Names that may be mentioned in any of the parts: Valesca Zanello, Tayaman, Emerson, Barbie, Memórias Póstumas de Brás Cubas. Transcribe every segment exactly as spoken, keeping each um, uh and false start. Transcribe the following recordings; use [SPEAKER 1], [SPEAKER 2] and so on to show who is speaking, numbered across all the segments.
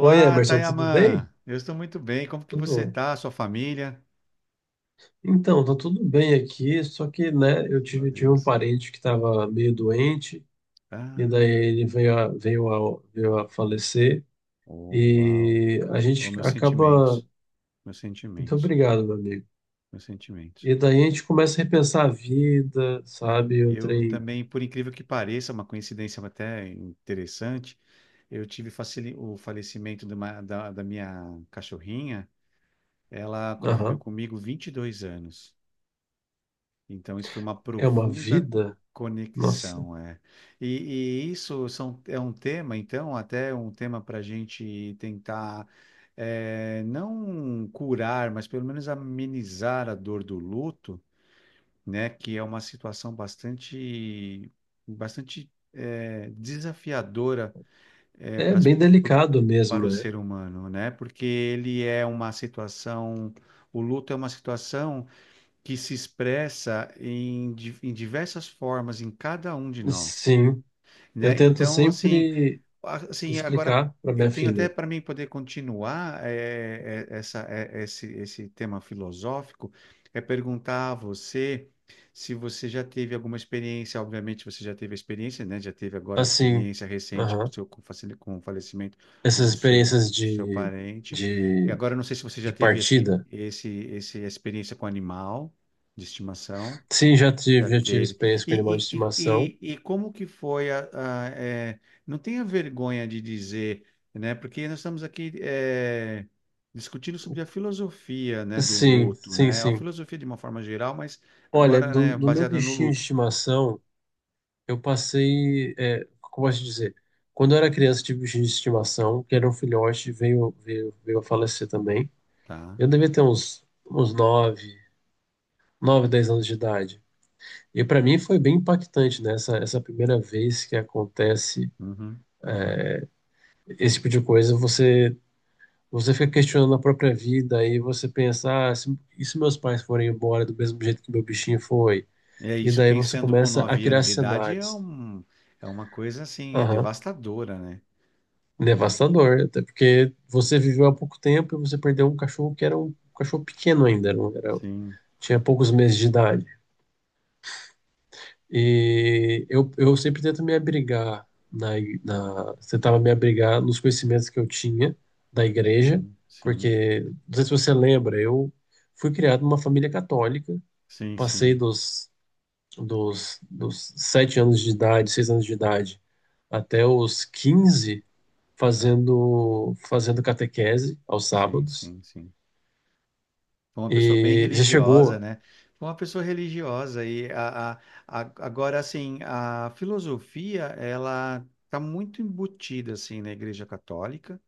[SPEAKER 1] Oi, Emerson, tudo
[SPEAKER 2] Tayaman.
[SPEAKER 1] bem?
[SPEAKER 2] Eu estou muito bem. Como que você
[SPEAKER 1] Tudo.
[SPEAKER 2] está? Sua família?
[SPEAKER 1] Então, tá tudo bem aqui, só que, né, eu
[SPEAKER 2] Graças
[SPEAKER 1] tive,
[SPEAKER 2] a
[SPEAKER 1] tive um
[SPEAKER 2] Deus.
[SPEAKER 1] parente que estava meio doente, e daí ele
[SPEAKER 2] Ah,
[SPEAKER 1] veio a, veio a, veio a falecer,
[SPEAKER 2] oh, uau.
[SPEAKER 1] e a
[SPEAKER 2] Oh,
[SPEAKER 1] gente
[SPEAKER 2] meus
[SPEAKER 1] acaba.
[SPEAKER 2] sentimentos, meus
[SPEAKER 1] Muito
[SPEAKER 2] sentimentos,
[SPEAKER 1] obrigado, meu amigo.
[SPEAKER 2] meus sentimentos.
[SPEAKER 1] E daí a gente começa a repensar a vida, sabe? O
[SPEAKER 2] Eu
[SPEAKER 1] trem.
[SPEAKER 2] também, por incrível que pareça, uma coincidência até interessante, eu tive facili- o falecimento de uma- da, da minha cachorrinha. Ela conviveu
[SPEAKER 1] Aham.
[SPEAKER 2] comigo vinte e dois anos. Então, isso foi uma
[SPEAKER 1] É uma
[SPEAKER 2] profunda
[SPEAKER 1] vida? Nossa.
[SPEAKER 2] conexão, é. E, e isso são, é um tema, então, até um tema para a gente tentar, é, não curar, mas pelo menos amenizar a dor do luto, né? Que é uma situação bastante, bastante, é, desafiadora, é,
[SPEAKER 1] É
[SPEAKER 2] para
[SPEAKER 1] bem delicado
[SPEAKER 2] para
[SPEAKER 1] mesmo,
[SPEAKER 2] o
[SPEAKER 1] né?
[SPEAKER 2] ser humano, né? Porque ele é uma situação, o luto é uma situação que se expressa em, di- em diversas formas em cada um de nós,
[SPEAKER 1] Sim. Eu
[SPEAKER 2] né?
[SPEAKER 1] tento
[SPEAKER 2] Então, assim,
[SPEAKER 1] sempre
[SPEAKER 2] ah, assim, agora
[SPEAKER 1] explicar para
[SPEAKER 2] eu
[SPEAKER 1] minha
[SPEAKER 2] tenho até
[SPEAKER 1] filha.
[SPEAKER 2] para mim poder continuar eh, eh, essa, eh, esse, esse tema filosófico, é perguntar a você se você já teve alguma experiência. Obviamente você já teve a experiência, né? Já teve agora a
[SPEAKER 1] Assim.
[SPEAKER 2] experiência recente com o seu, com o facile- com o falecimento
[SPEAKER 1] Essas
[SPEAKER 2] do seu,
[SPEAKER 1] experiências
[SPEAKER 2] do seu
[SPEAKER 1] de,
[SPEAKER 2] parente. E
[SPEAKER 1] de,
[SPEAKER 2] agora eu não sei se você
[SPEAKER 1] de
[SPEAKER 2] já teve esse,
[SPEAKER 1] partida.
[SPEAKER 2] esse, esse, experiência com animal de estimação.
[SPEAKER 1] Sim, já
[SPEAKER 2] Já
[SPEAKER 1] tive, já tive
[SPEAKER 2] teve.
[SPEAKER 1] experiência com animal de
[SPEAKER 2] E, e,
[SPEAKER 1] estimação.
[SPEAKER 2] e, e e como que foi a, a- é, não tenha vergonha de dizer, né? Porque nós estamos aqui é, discutindo sobre a filosofia, né, do
[SPEAKER 1] Sim,
[SPEAKER 2] luto,
[SPEAKER 1] sim,
[SPEAKER 2] né? A
[SPEAKER 1] sim.
[SPEAKER 2] filosofia de uma forma geral, mas
[SPEAKER 1] Olha,
[SPEAKER 2] agora,
[SPEAKER 1] do,
[SPEAKER 2] né,
[SPEAKER 1] do meu
[SPEAKER 2] baseada no
[SPEAKER 1] bichinho de
[SPEAKER 2] luto,
[SPEAKER 1] estimação, eu passei, é, como posso dizer? Quando eu era criança, tive bichinho de estimação, que era um filhote, veio, veio, veio a falecer também.
[SPEAKER 2] tá?
[SPEAKER 1] Eu devia ter uns, uns nove, nove dez anos de idade. E para mim foi bem impactante, né? Essa, essa primeira vez que acontece
[SPEAKER 2] Uhum.
[SPEAKER 1] esse tipo de coisa, você você fica questionando a própria vida, aí você pensa: ah, se, e se meus pais forem embora do mesmo jeito que meu bichinho foi?
[SPEAKER 2] É
[SPEAKER 1] E
[SPEAKER 2] isso,
[SPEAKER 1] daí você
[SPEAKER 2] pensando com
[SPEAKER 1] começa a
[SPEAKER 2] nove
[SPEAKER 1] criar
[SPEAKER 2] anos de idade é
[SPEAKER 1] cenários.
[SPEAKER 2] um, é uma coisa assim, é
[SPEAKER 1] Aham.
[SPEAKER 2] devastadora, né?
[SPEAKER 1] Devastador, até porque você viveu há pouco tempo e você perdeu um cachorro que era um, cachorro pequeno ainda, era, um- era-
[SPEAKER 2] Sim,
[SPEAKER 1] tinha poucos meses de idade. E eu, eu sempre tento me abrigar na, na, tentava me abrigar nos conhecimentos que eu tinha da igreja,
[SPEAKER 2] sim, sim,
[SPEAKER 1] porque, não sei se você lembra, eu fui criado numa família católica,
[SPEAKER 2] sim,
[SPEAKER 1] passei
[SPEAKER 2] sim,
[SPEAKER 1] dos, dos, dos sete anos de idade, seis anos de idade, até os quinze
[SPEAKER 2] tá.
[SPEAKER 1] fazendo, fazendo catequese aos
[SPEAKER 2] Sim,
[SPEAKER 1] sábados.
[SPEAKER 2] sim, sim. Foi uma pessoa bem
[SPEAKER 1] E já
[SPEAKER 2] religiosa,
[SPEAKER 1] chegou,
[SPEAKER 2] né? Foi uma pessoa religiosa e a, a- a- agora assim, a filosofia, ela está muito embutida assim na Igreja Católica.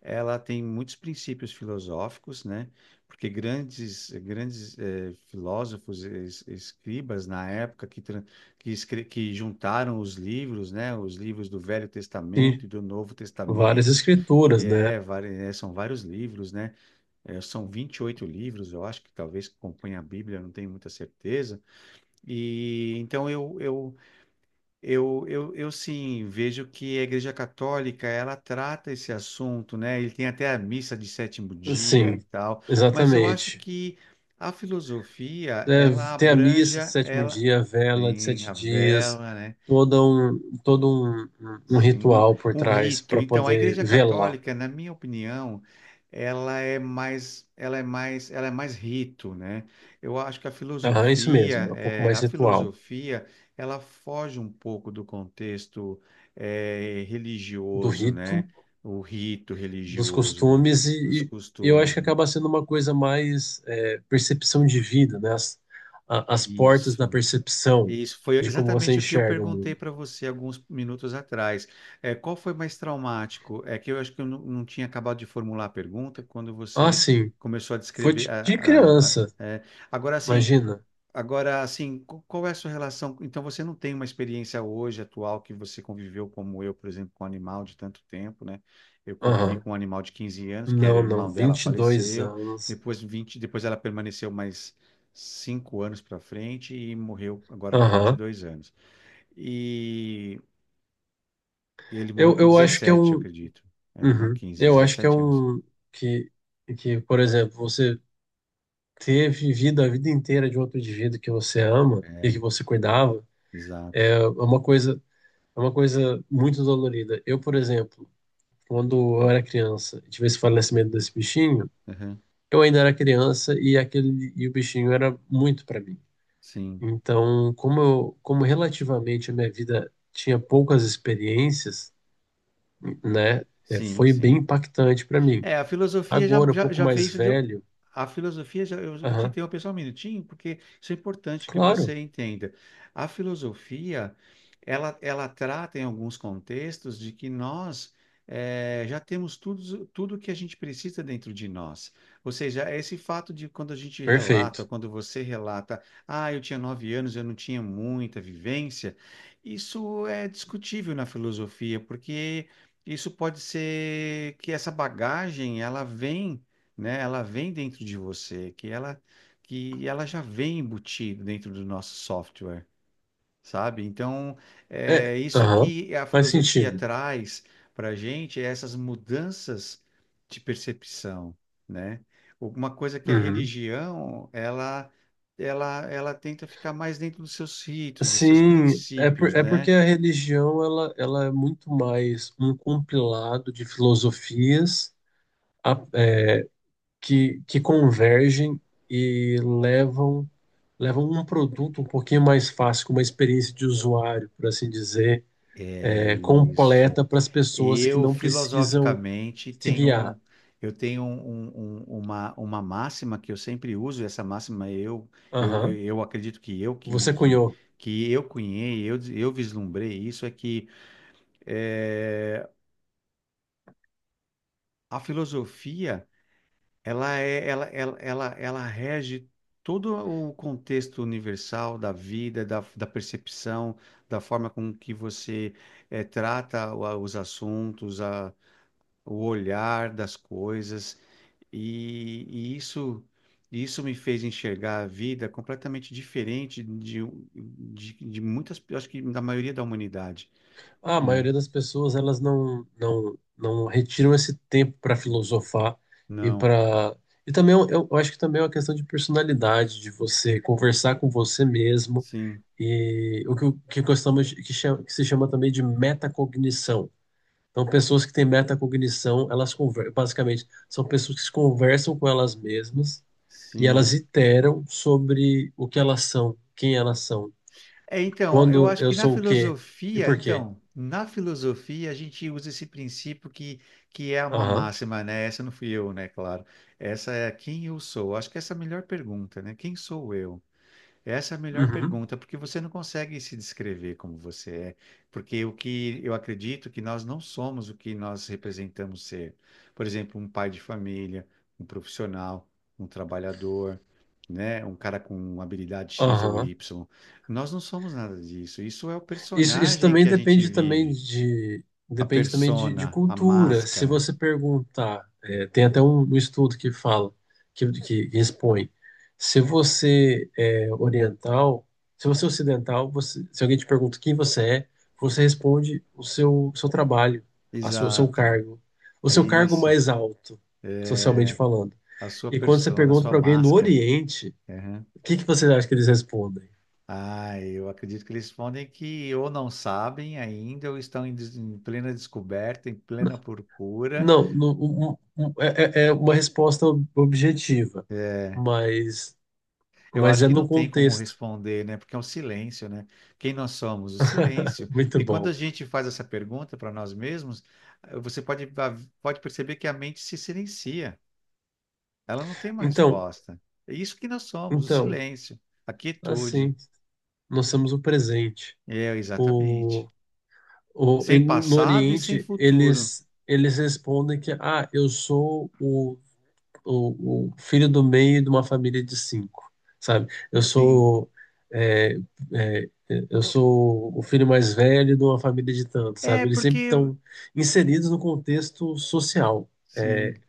[SPEAKER 2] Ela tem muitos princípios filosóficos, né? Porque grandes grandes eh, filósofos, es- escribas na época que tran- que, escre- que juntaram os livros, né? Os livros do Velho Testamento
[SPEAKER 1] sim,
[SPEAKER 2] e do Novo
[SPEAKER 1] várias
[SPEAKER 2] Testamento. E
[SPEAKER 1] escrituras, né?
[SPEAKER 2] é, vari- eh, são vários livros, né? É, são vinte e oito livros, eu acho que talvez que compõem a Bíblia, eu não tenho muita certeza. E então eu eu eu eu, eu sim vejo que a Igreja Católica, ela trata esse assunto, né? Ele tem até a missa de sétimo dia,
[SPEAKER 1] Sim,
[SPEAKER 2] tal, mas eu acho
[SPEAKER 1] exatamente.
[SPEAKER 2] que a filosofia,
[SPEAKER 1] É,
[SPEAKER 2] ela
[SPEAKER 1] tem a missa de
[SPEAKER 2] abranja,
[SPEAKER 1] sétimo
[SPEAKER 2] ela
[SPEAKER 1] dia, a vela de
[SPEAKER 2] tem a
[SPEAKER 1] sete dias,
[SPEAKER 2] vela, né?
[SPEAKER 1] todo um, todo um, um um
[SPEAKER 2] Sim, um,
[SPEAKER 1] ritual por
[SPEAKER 2] um
[SPEAKER 1] trás
[SPEAKER 2] rito.
[SPEAKER 1] para
[SPEAKER 2] Então, a
[SPEAKER 1] poder
[SPEAKER 2] Igreja
[SPEAKER 1] velar.
[SPEAKER 2] Católica, na minha opinião, ela é mais, ela é mais, ela é mais rito, né? Eu acho que a
[SPEAKER 1] Aham, isso mesmo,
[SPEAKER 2] filosofia,
[SPEAKER 1] é um pouco
[SPEAKER 2] eh,
[SPEAKER 1] mais
[SPEAKER 2] a
[SPEAKER 1] ritual.
[SPEAKER 2] filosofia, ela foge um pouco do contexto, eh,
[SPEAKER 1] Do
[SPEAKER 2] religioso,
[SPEAKER 1] rito,
[SPEAKER 2] né? O rito
[SPEAKER 1] dos
[SPEAKER 2] religioso, né?
[SPEAKER 1] costumes,
[SPEAKER 2] Dos
[SPEAKER 1] e, e eu acho
[SPEAKER 2] costumes,
[SPEAKER 1] que
[SPEAKER 2] né?
[SPEAKER 1] acaba sendo uma coisa mais, é, percepção de vida, né? As, a- as portas da
[SPEAKER 2] Isso.
[SPEAKER 1] percepção,
[SPEAKER 2] Isso foi
[SPEAKER 1] de como você
[SPEAKER 2] exatamente o que eu
[SPEAKER 1] enxerga o
[SPEAKER 2] perguntei
[SPEAKER 1] mundo.
[SPEAKER 2] para você alguns minutos atrás. É, qual foi mais traumático? É que eu acho que eu não, não tinha acabado de formular a pergunta quando
[SPEAKER 1] Ah,
[SPEAKER 2] você
[SPEAKER 1] sim,
[SPEAKER 2] começou a
[SPEAKER 1] foi
[SPEAKER 2] descrever.
[SPEAKER 1] de,
[SPEAKER 2] A,
[SPEAKER 1] de
[SPEAKER 2] a- a-
[SPEAKER 1] criança,
[SPEAKER 2] é. Agora, assim,
[SPEAKER 1] imagina.
[SPEAKER 2] Agora, assim, qu- qual é a sua relação? Então, você não tem uma experiência hoje atual que você conviveu como eu, por exemplo, com um animal de tanto tempo, né? Eu convivi
[SPEAKER 1] Aham.
[SPEAKER 2] com um animal de quinze anos, que era
[SPEAKER 1] Não, não,
[SPEAKER 2] irmão dela,
[SPEAKER 1] vinte e dois
[SPEAKER 2] faleceu.
[SPEAKER 1] anos.
[SPEAKER 2] Depois vinte depois ela permaneceu mais cinco anos para frente e morreu agora com vinte e
[SPEAKER 1] Aham.
[SPEAKER 2] dois anos. E ele morreu
[SPEAKER 1] Eu,
[SPEAKER 2] com
[SPEAKER 1] eu acho que é
[SPEAKER 2] dezessete eu
[SPEAKER 1] um.
[SPEAKER 2] acredito. É, não
[SPEAKER 1] Uhum.
[SPEAKER 2] quinze
[SPEAKER 1] Eu acho que é
[SPEAKER 2] dezessete anos.
[SPEAKER 1] um. Que, que, por exemplo, você ter vivido a vida inteira de um outro indivíduo que você ama e que
[SPEAKER 2] É,
[SPEAKER 1] você cuidava,
[SPEAKER 2] exato.
[SPEAKER 1] é, é uma coisa é uma coisa muito dolorida. Eu, por exemplo, quando eu era criança e tive esse falecimento desse bichinho,
[SPEAKER 2] Aham.
[SPEAKER 1] eu ainda era criança e aquele e o bichinho era muito para mim.
[SPEAKER 2] Sim,
[SPEAKER 1] Então, como eu, como relativamente a minha vida tinha poucas experiências, né, é,
[SPEAKER 2] sim,
[SPEAKER 1] foi bem
[SPEAKER 2] sim.
[SPEAKER 1] impactante para mim.
[SPEAKER 2] É, a filosofia já,
[SPEAKER 1] Agora, um
[SPEAKER 2] já,
[SPEAKER 1] pouco
[SPEAKER 2] já vê
[SPEAKER 1] mais
[SPEAKER 2] isso de.
[SPEAKER 1] velho,
[SPEAKER 2] A filosofia, já, eu vou te
[SPEAKER 1] aham,
[SPEAKER 2] interromper só um minutinho, porque isso é importante que
[SPEAKER 1] claro,
[SPEAKER 2] você entenda. A filosofia, ela, ela trata em alguns contextos de que nós eh, já temos tudo, tudo que a gente precisa dentro de nós. Ou seja, esse fato de quando a gente relata,
[SPEAKER 1] perfeito.
[SPEAKER 2] quando você relata, ah, eu tinha nove anos, eu não tinha muita vivência, isso é discutível na filosofia, porque isso pode ser que essa bagagem ela vem, né? Ela vem dentro de você, que ela que ela já vem embutida dentro do nosso software, sabe? Então,
[SPEAKER 1] É,
[SPEAKER 2] é isso
[SPEAKER 1] aham,
[SPEAKER 2] que a
[SPEAKER 1] faz
[SPEAKER 2] filosofia
[SPEAKER 1] sentido.
[SPEAKER 2] traz para a gente, é essas mudanças de percepção, né? Uma coisa que a
[SPEAKER 1] Uhum.
[SPEAKER 2] religião, ela ela ela tenta ficar mais dentro dos seus ritos, dos seus
[SPEAKER 1] Sim, é, por,
[SPEAKER 2] princípios,
[SPEAKER 1] é porque
[SPEAKER 2] né?
[SPEAKER 1] a religião, ela, ela é muito mais um compilado de filosofias, a- é, que, que convergem e levam, levam um produto um pouquinho mais fácil, com uma experiência de usuário, por assim dizer,
[SPEAKER 2] É
[SPEAKER 1] é,
[SPEAKER 2] isso.
[SPEAKER 1] completa para as pessoas que
[SPEAKER 2] Eu,
[SPEAKER 1] não precisam
[SPEAKER 2] filosoficamente,
[SPEAKER 1] se
[SPEAKER 2] tenho
[SPEAKER 1] guiar.
[SPEAKER 2] um, eu tenho um- um- um, uma, uma máxima que eu sempre uso. Essa máxima eu, eu, eu,
[SPEAKER 1] Aham,
[SPEAKER 2] eu acredito que eu que,
[SPEAKER 1] você
[SPEAKER 2] que,
[SPEAKER 1] cunhou.
[SPEAKER 2] que eu cunhei, eu, des- eu vislumbrei isso, é que eh, a filosofia, ela é, ela, ela, ela, ela rege todo o contexto universal da vida, da, da percepção, da forma com que você eh, trata o- os assuntos, a, o olhar das coisas. E, e isso, isso me fez enxergar a vida completamente diferente de, de, de muitas, eu acho que da maioria da humanidade,
[SPEAKER 1] Ah, a
[SPEAKER 2] né?
[SPEAKER 1] maioria das pessoas, elas não não não retiram esse tempo para filosofar e
[SPEAKER 2] Não,
[SPEAKER 1] para, e também eu, eu acho que também é uma questão de personalidade, de você conversar com você mesmo
[SPEAKER 2] sim,
[SPEAKER 1] e o que, que gostamos, que chama, que se chama também de metacognição. Então, pessoas que têm metacognição, elas conver-, basicamente são pessoas que se conversam com elas mesmas e elas
[SPEAKER 2] sim.
[SPEAKER 1] iteram sobre o que elas são, quem elas são,
[SPEAKER 2] É, então, eu
[SPEAKER 1] quando
[SPEAKER 2] acho
[SPEAKER 1] eu
[SPEAKER 2] que na
[SPEAKER 1] sou o quê e
[SPEAKER 2] filosofia,
[SPEAKER 1] por quê.
[SPEAKER 2] então, na filosofia a gente usa esse princípio que, que é uma
[SPEAKER 1] Aham.
[SPEAKER 2] máxima, né? Essa não fui eu, né? Claro. Essa é quem eu sou. Acho que essa é a melhor pergunta, né? Quem sou eu? Essa é a melhor
[SPEAKER 1] Uhum.
[SPEAKER 2] pergunta, porque você não consegue se descrever como você é, porque o que eu acredito que nós não somos o que nós representamos ser. Por exemplo, um pai de família, um profissional, um trabalhador, né, um cara com uma habilidade X ou
[SPEAKER 1] Aham.
[SPEAKER 2] Y. Nós não somos nada disso. Isso é o
[SPEAKER 1] Isso, isso
[SPEAKER 2] personagem
[SPEAKER 1] também
[SPEAKER 2] que a gente
[SPEAKER 1] depende, também
[SPEAKER 2] vive,
[SPEAKER 1] de
[SPEAKER 2] a
[SPEAKER 1] depende também de, de
[SPEAKER 2] persona, a
[SPEAKER 1] cultura. Se
[SPEAKER 2] máscara.
[SPEAKER 1] você perguntar, é, tem até um, um estudo que fala, que, que expõe, se você é oriental, se você é ocidental, você, se alguém te pergunta quem você é, você responde o seu, seu trabalho, a sua, o seu
[SPEAKER 2] Exato.
[SPEAKER 1] cargo, o
[SPEAKER 2] É
[SPEAKER 1] seu cargo
[SPEAKER 2] isso.
[SPEAKER 1] mais alto, socialmente falando.
[SPEAKER 2] A sua
[SPEAKER 1] E quando você
[SPEAKER 2] persona, a
[SPEAKER 1] pergunta
[SPEAKER 2] sua
[SPEAKER 1] para alguém no
[SPEAKER 2] máscara.
[SPEAKER 1] Oriente, o que que você acha que eles respondem?
[SPEAKER 2] Ah, eu acredito que eles respondem que ou não sabem ainda, ou estão em, des- em plena descoberta, em plena procura.
[SPEAKER 1] Não, no- um- um- um, é, é- é uma resposta ob- objetiva,
[SPEAKER 2] É,
[SPEAKER 1] mas,
[SPEAKER 2] eu
[SPEAKER 1] mas
[SPEAKER 2] acho
[SPEAKER 1] é
[SPEAKER 2] que não
[SPEAKER 1] no
[SPEAKER 2] tem como
[SPEAKER 1] contexto.
[SPEAKER 2] responder, né? Porque é um silêncio, né? Quem nós somos? O silêncio.
[SPEAKER 1] Muito
[SPEAKER 2] Porque quando
[SPEAKER 1] bom.
[SPEAKER 2] a gente faz essa pergunta para nós mesmos, eh, você pode, a- pode perceber que a mente se silencia. Ela não tem uma
[SPEAKER 1] Então,
[SPEAKER 2] resposta. É isso que nós somos, o
[SPEAKER 1] então,
[SPEAKER 2] silêncio, a quietude.
[SPEAKER 1] assim, nós temos o presente.
[SPEAKER 2] É, exatamente.
[SPEAKER 1] O, o, e
[SPEAKER 2] Sem
[SPEAKER 1] no
[SPEAKER 2] passado e sem
[SPEAKER 1] Oriente,
[SPEAKER 2] futuro.
[SPEAKER 1] eles, eles respondem que: ah, eu sou o o, o filho do meio de uma família de cinco, sabe? Eu
[SPEAKER 2] Sim.
[SPEAKER 1] sou, é, é, eu sou o filho mais velho de uma família de tantos,
[SPEAKER 2] É,
[SPEAKER 1] sabe? Eles
[SPEAKER 2] porque
[SPEAKER 1] sempre estão inseridos no contexto social,
[SPEAKER 2] sim.
[SPEAKER 1] é,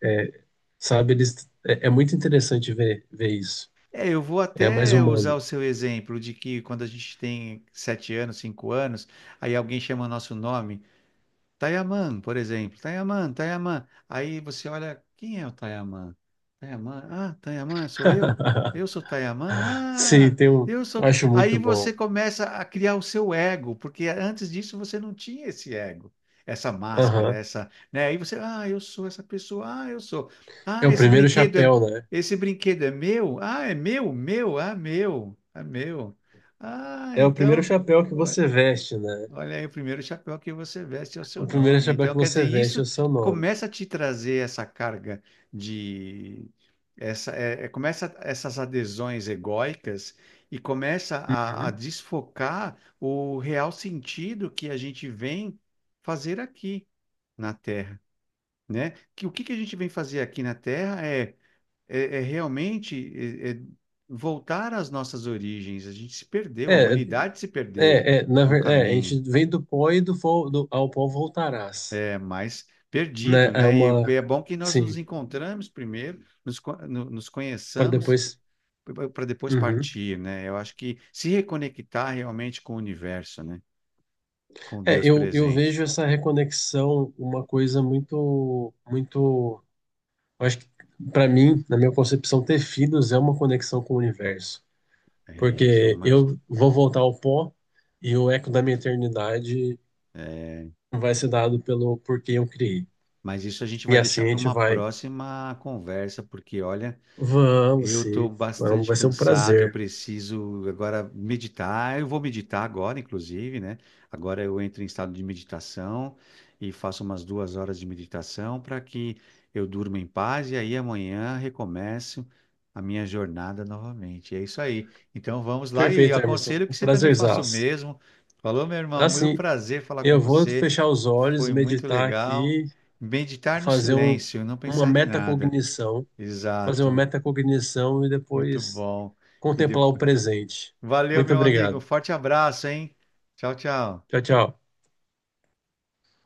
[SPEAKER 1] sabe? Eles, é, é muito interessante ver ver isso.
[SPEAKER 2] É, eu vou
[SPEAKER 1] É mais
[SPEAKER 2] até usar
[SPEAKER 1] humano.
[SPEAKER 2] o seu exemplo de que quando a gente tem sete anos, cinco anos, aí alguém chama nosso nome. Tayaman, por exemplo. Tayaman, Tayaman. Aí você olha, quem é o Tayaman? Tayaman, ah, Tayaman, sou eu? Eu sou Tayaman?
[SPEAKER 1] Sim,
[SPEAKER 2] Ah,
[SPEAKER 1] tem um,
[SPEAKER 2] eu sou. Ta-"
[SPEAKER 1] acho
[SPEAKER 2] Aí
[SPEAKER 1] muito
[SPEAKER 2] você
[SPEAKER 1] bom.
[SPEAKER 2] começa a criar o seu ego, porque antes disso você não tinha esse ego, essa máscara,
[SPEAKER 1] Aham.
[SPEAKER 2] essa, né? Aí você, ah, eu sou essa pessoa, ah, eu sou.
[SPEAKER 1] É
[SPEAKER 2] Ah,
[SPEAKER 1] o
[SPEAKER 2] esse
[SPEAKER 1] primeiro
[SPEAKER 2] brinquedo é,
[SPEAKER 1] chapéu, né?
[SPEAKER 2] esse brinquedo é meu? Ah, é meu, meu, ah, meu, ah, meu. Ah,
[SPEAKER 1] É o primeiro
[SPEAKER 2] então.
[SPEAKER 1] chapéu que você veste, né?
[SPEAKER 2] Olha aí, o primeiro chapéu que você veste é o
[SPEAKER 1] O
[SPEAKER 2] seu
[SPEAKER 1] primeiro
[SPEAKER 2] nome.
[SPEAKER 1] chapéu
[SPEAKER 2] Então,
[SPEAKER 1] que
[SPEAKER 2] quer dizer,
[SPEAKER 1] você veste é
[SPEAKER 2] isso
[SPEAKER 1] o seu nome.
[SPEAKER 2] começa a te trazer essa carga de essa é, é- começa essas adesões egóicas e começa a, a
[SPEAKER 1] Uhum.
[SPEAKER 2] desfocar o real sentido que a gente vem fazer aqui na Terra, né? Que o que que a gente vem fazer aqui na Terra é é, é realmente é- é voltar às nossas origens. A gente se perdeu, a
[SPEAKER 1] É.
[SPEAKER 2] humanidade se
[SPEAKER 1] É,
[SPEAKER 2] perdeu
[SPEAKER 1] é, na
[SPEAKER 2] no
[SPEAKER 1] verdade, a
[SPEAKER 2] caminho.
[SPEAKER 1] gente vem do pó e do, vo- do- ao pó voltarás,
[SPEAKER 2] É, mais
[SPEAKER 1] né?
[SPEAKER 2] perdido,
[SPEAKER 1] É
[SPEAKER 2] né? E
[SPEAKER 1] uma,
[SPEAKER 2] é bom que nós nos
[SPEAKER 1] sim,
[SPEAKER 2] encontramos primeiro, nos, co- no- nos
[SPEAKER 1] para
[SPEAKER 2] conheçamos
[SPEAKER 1] depois.
[SPEAKER 2] para depois
[SPEAKER 1] Uhum.
[SPEAKER 2] partir, né? Eu acho que se reconectar realmente com o universo, né? Com
[SPEAKER 1] É,
[SPEAKER 2] Deus
[SPEAKER 1] eu, eu vejo
[SPEAKER 2] presente.
[SPEAKER 1] essa reconexão uma coisa muito, muito. Eu acho que para mim, na minha concepção, ter filhos é uma conexão com o universo,
[SPEAKER 2] É isso, é
[SPEAKER 1] porque
[SPEAKER 2] uma,
[SPEAKER 1] eu vou voltar ao pó e o eco da minha eternidade
[SPEAKER 2] é,
[SPEAKER 1] vai ser dado pelo por quem eu criei.
[SPEAKER 2] mas isso a gente
[SPEAKER 1] E
[SPEAKER 2] vai
[SPEAKER 1] assim
[SPEAKER 2] deixar
[SPEAKER 1] a
[SPEAKER 2] para
[SPEAKER 1] gente
[SPEAKER 2] uma
[SPEAKER 1] vai.
[SPEAKER 2] próxima conversa, porque olha,
[SPEAKER 1] Vamos,
[SPEAKER 2] eu estou
[SPEAKER 1] sim, vamos,
[SPEAKER 2] bastante
[SPEAKER 1] vai ser um
[SPEAKER 2] cansado. Eu
[SPEAKER 1] prazer.
[SPEAKER 2] preciso agora meditar. Eu vou meditar agora, inclusive, né? Agora eu entro em estado de meditação e faço umas duas horas de meditação para que eu durma em paz e aí amanhã recomeço a minha jornada novamente. É isso aí. Então vamos lá e eu
[SPEAKER 1] Perfeito, Emerson.
[SPEAKER 2] aconselho
[SPEAKER 1] Um
[SPEAKER 2] que você também faça o
[SPEAKER 1] prazerzaço.
[SPEAKER 2] mesmo. Falou, meu irmão, muito
[SPEAKER 1] Assim,
[SPEAKER 2] prazer falar com
[SPEAKER 1] eu vou
[SPEAKER 2] você.
[SPEAKER 1] fechar os olhos,
[SPEAKER 2] Foi muito
[SPEAKER 1] meditar
[SPEAKER 2] legal.
[SPEAKER 1] aqui,
[SPEAKER 2] Meditar no
[SPEAKER 1] fazer um,
[SPEAKER 2] silêncio, não
[SPEAKER 1] uma
[SPEAKER 2] pensar em nada.
[SPEAKER 1] metacognição, fazer uma
[SPEAKER 2] Exato.
[SPEAKER 1] metacognição e
[SPEAKER 2] Muito
[SPEAKER 1] depois
[SPEAKER 2] bom. E
[SPEAKER 1] contemplar o
[SPEAKER 2] depois.
[SPEAKER 1] presente.
[SPEAKER 2] Valeu,
[SPEAKER 1] Muito
[SPEAKER 2] meu amigo.
[SPEAKER 1] obrigado.
[SPEAKER 2] Forte abraço, hein? Tchau, tchau.
[SPEAKER 1] Tchau, tchau.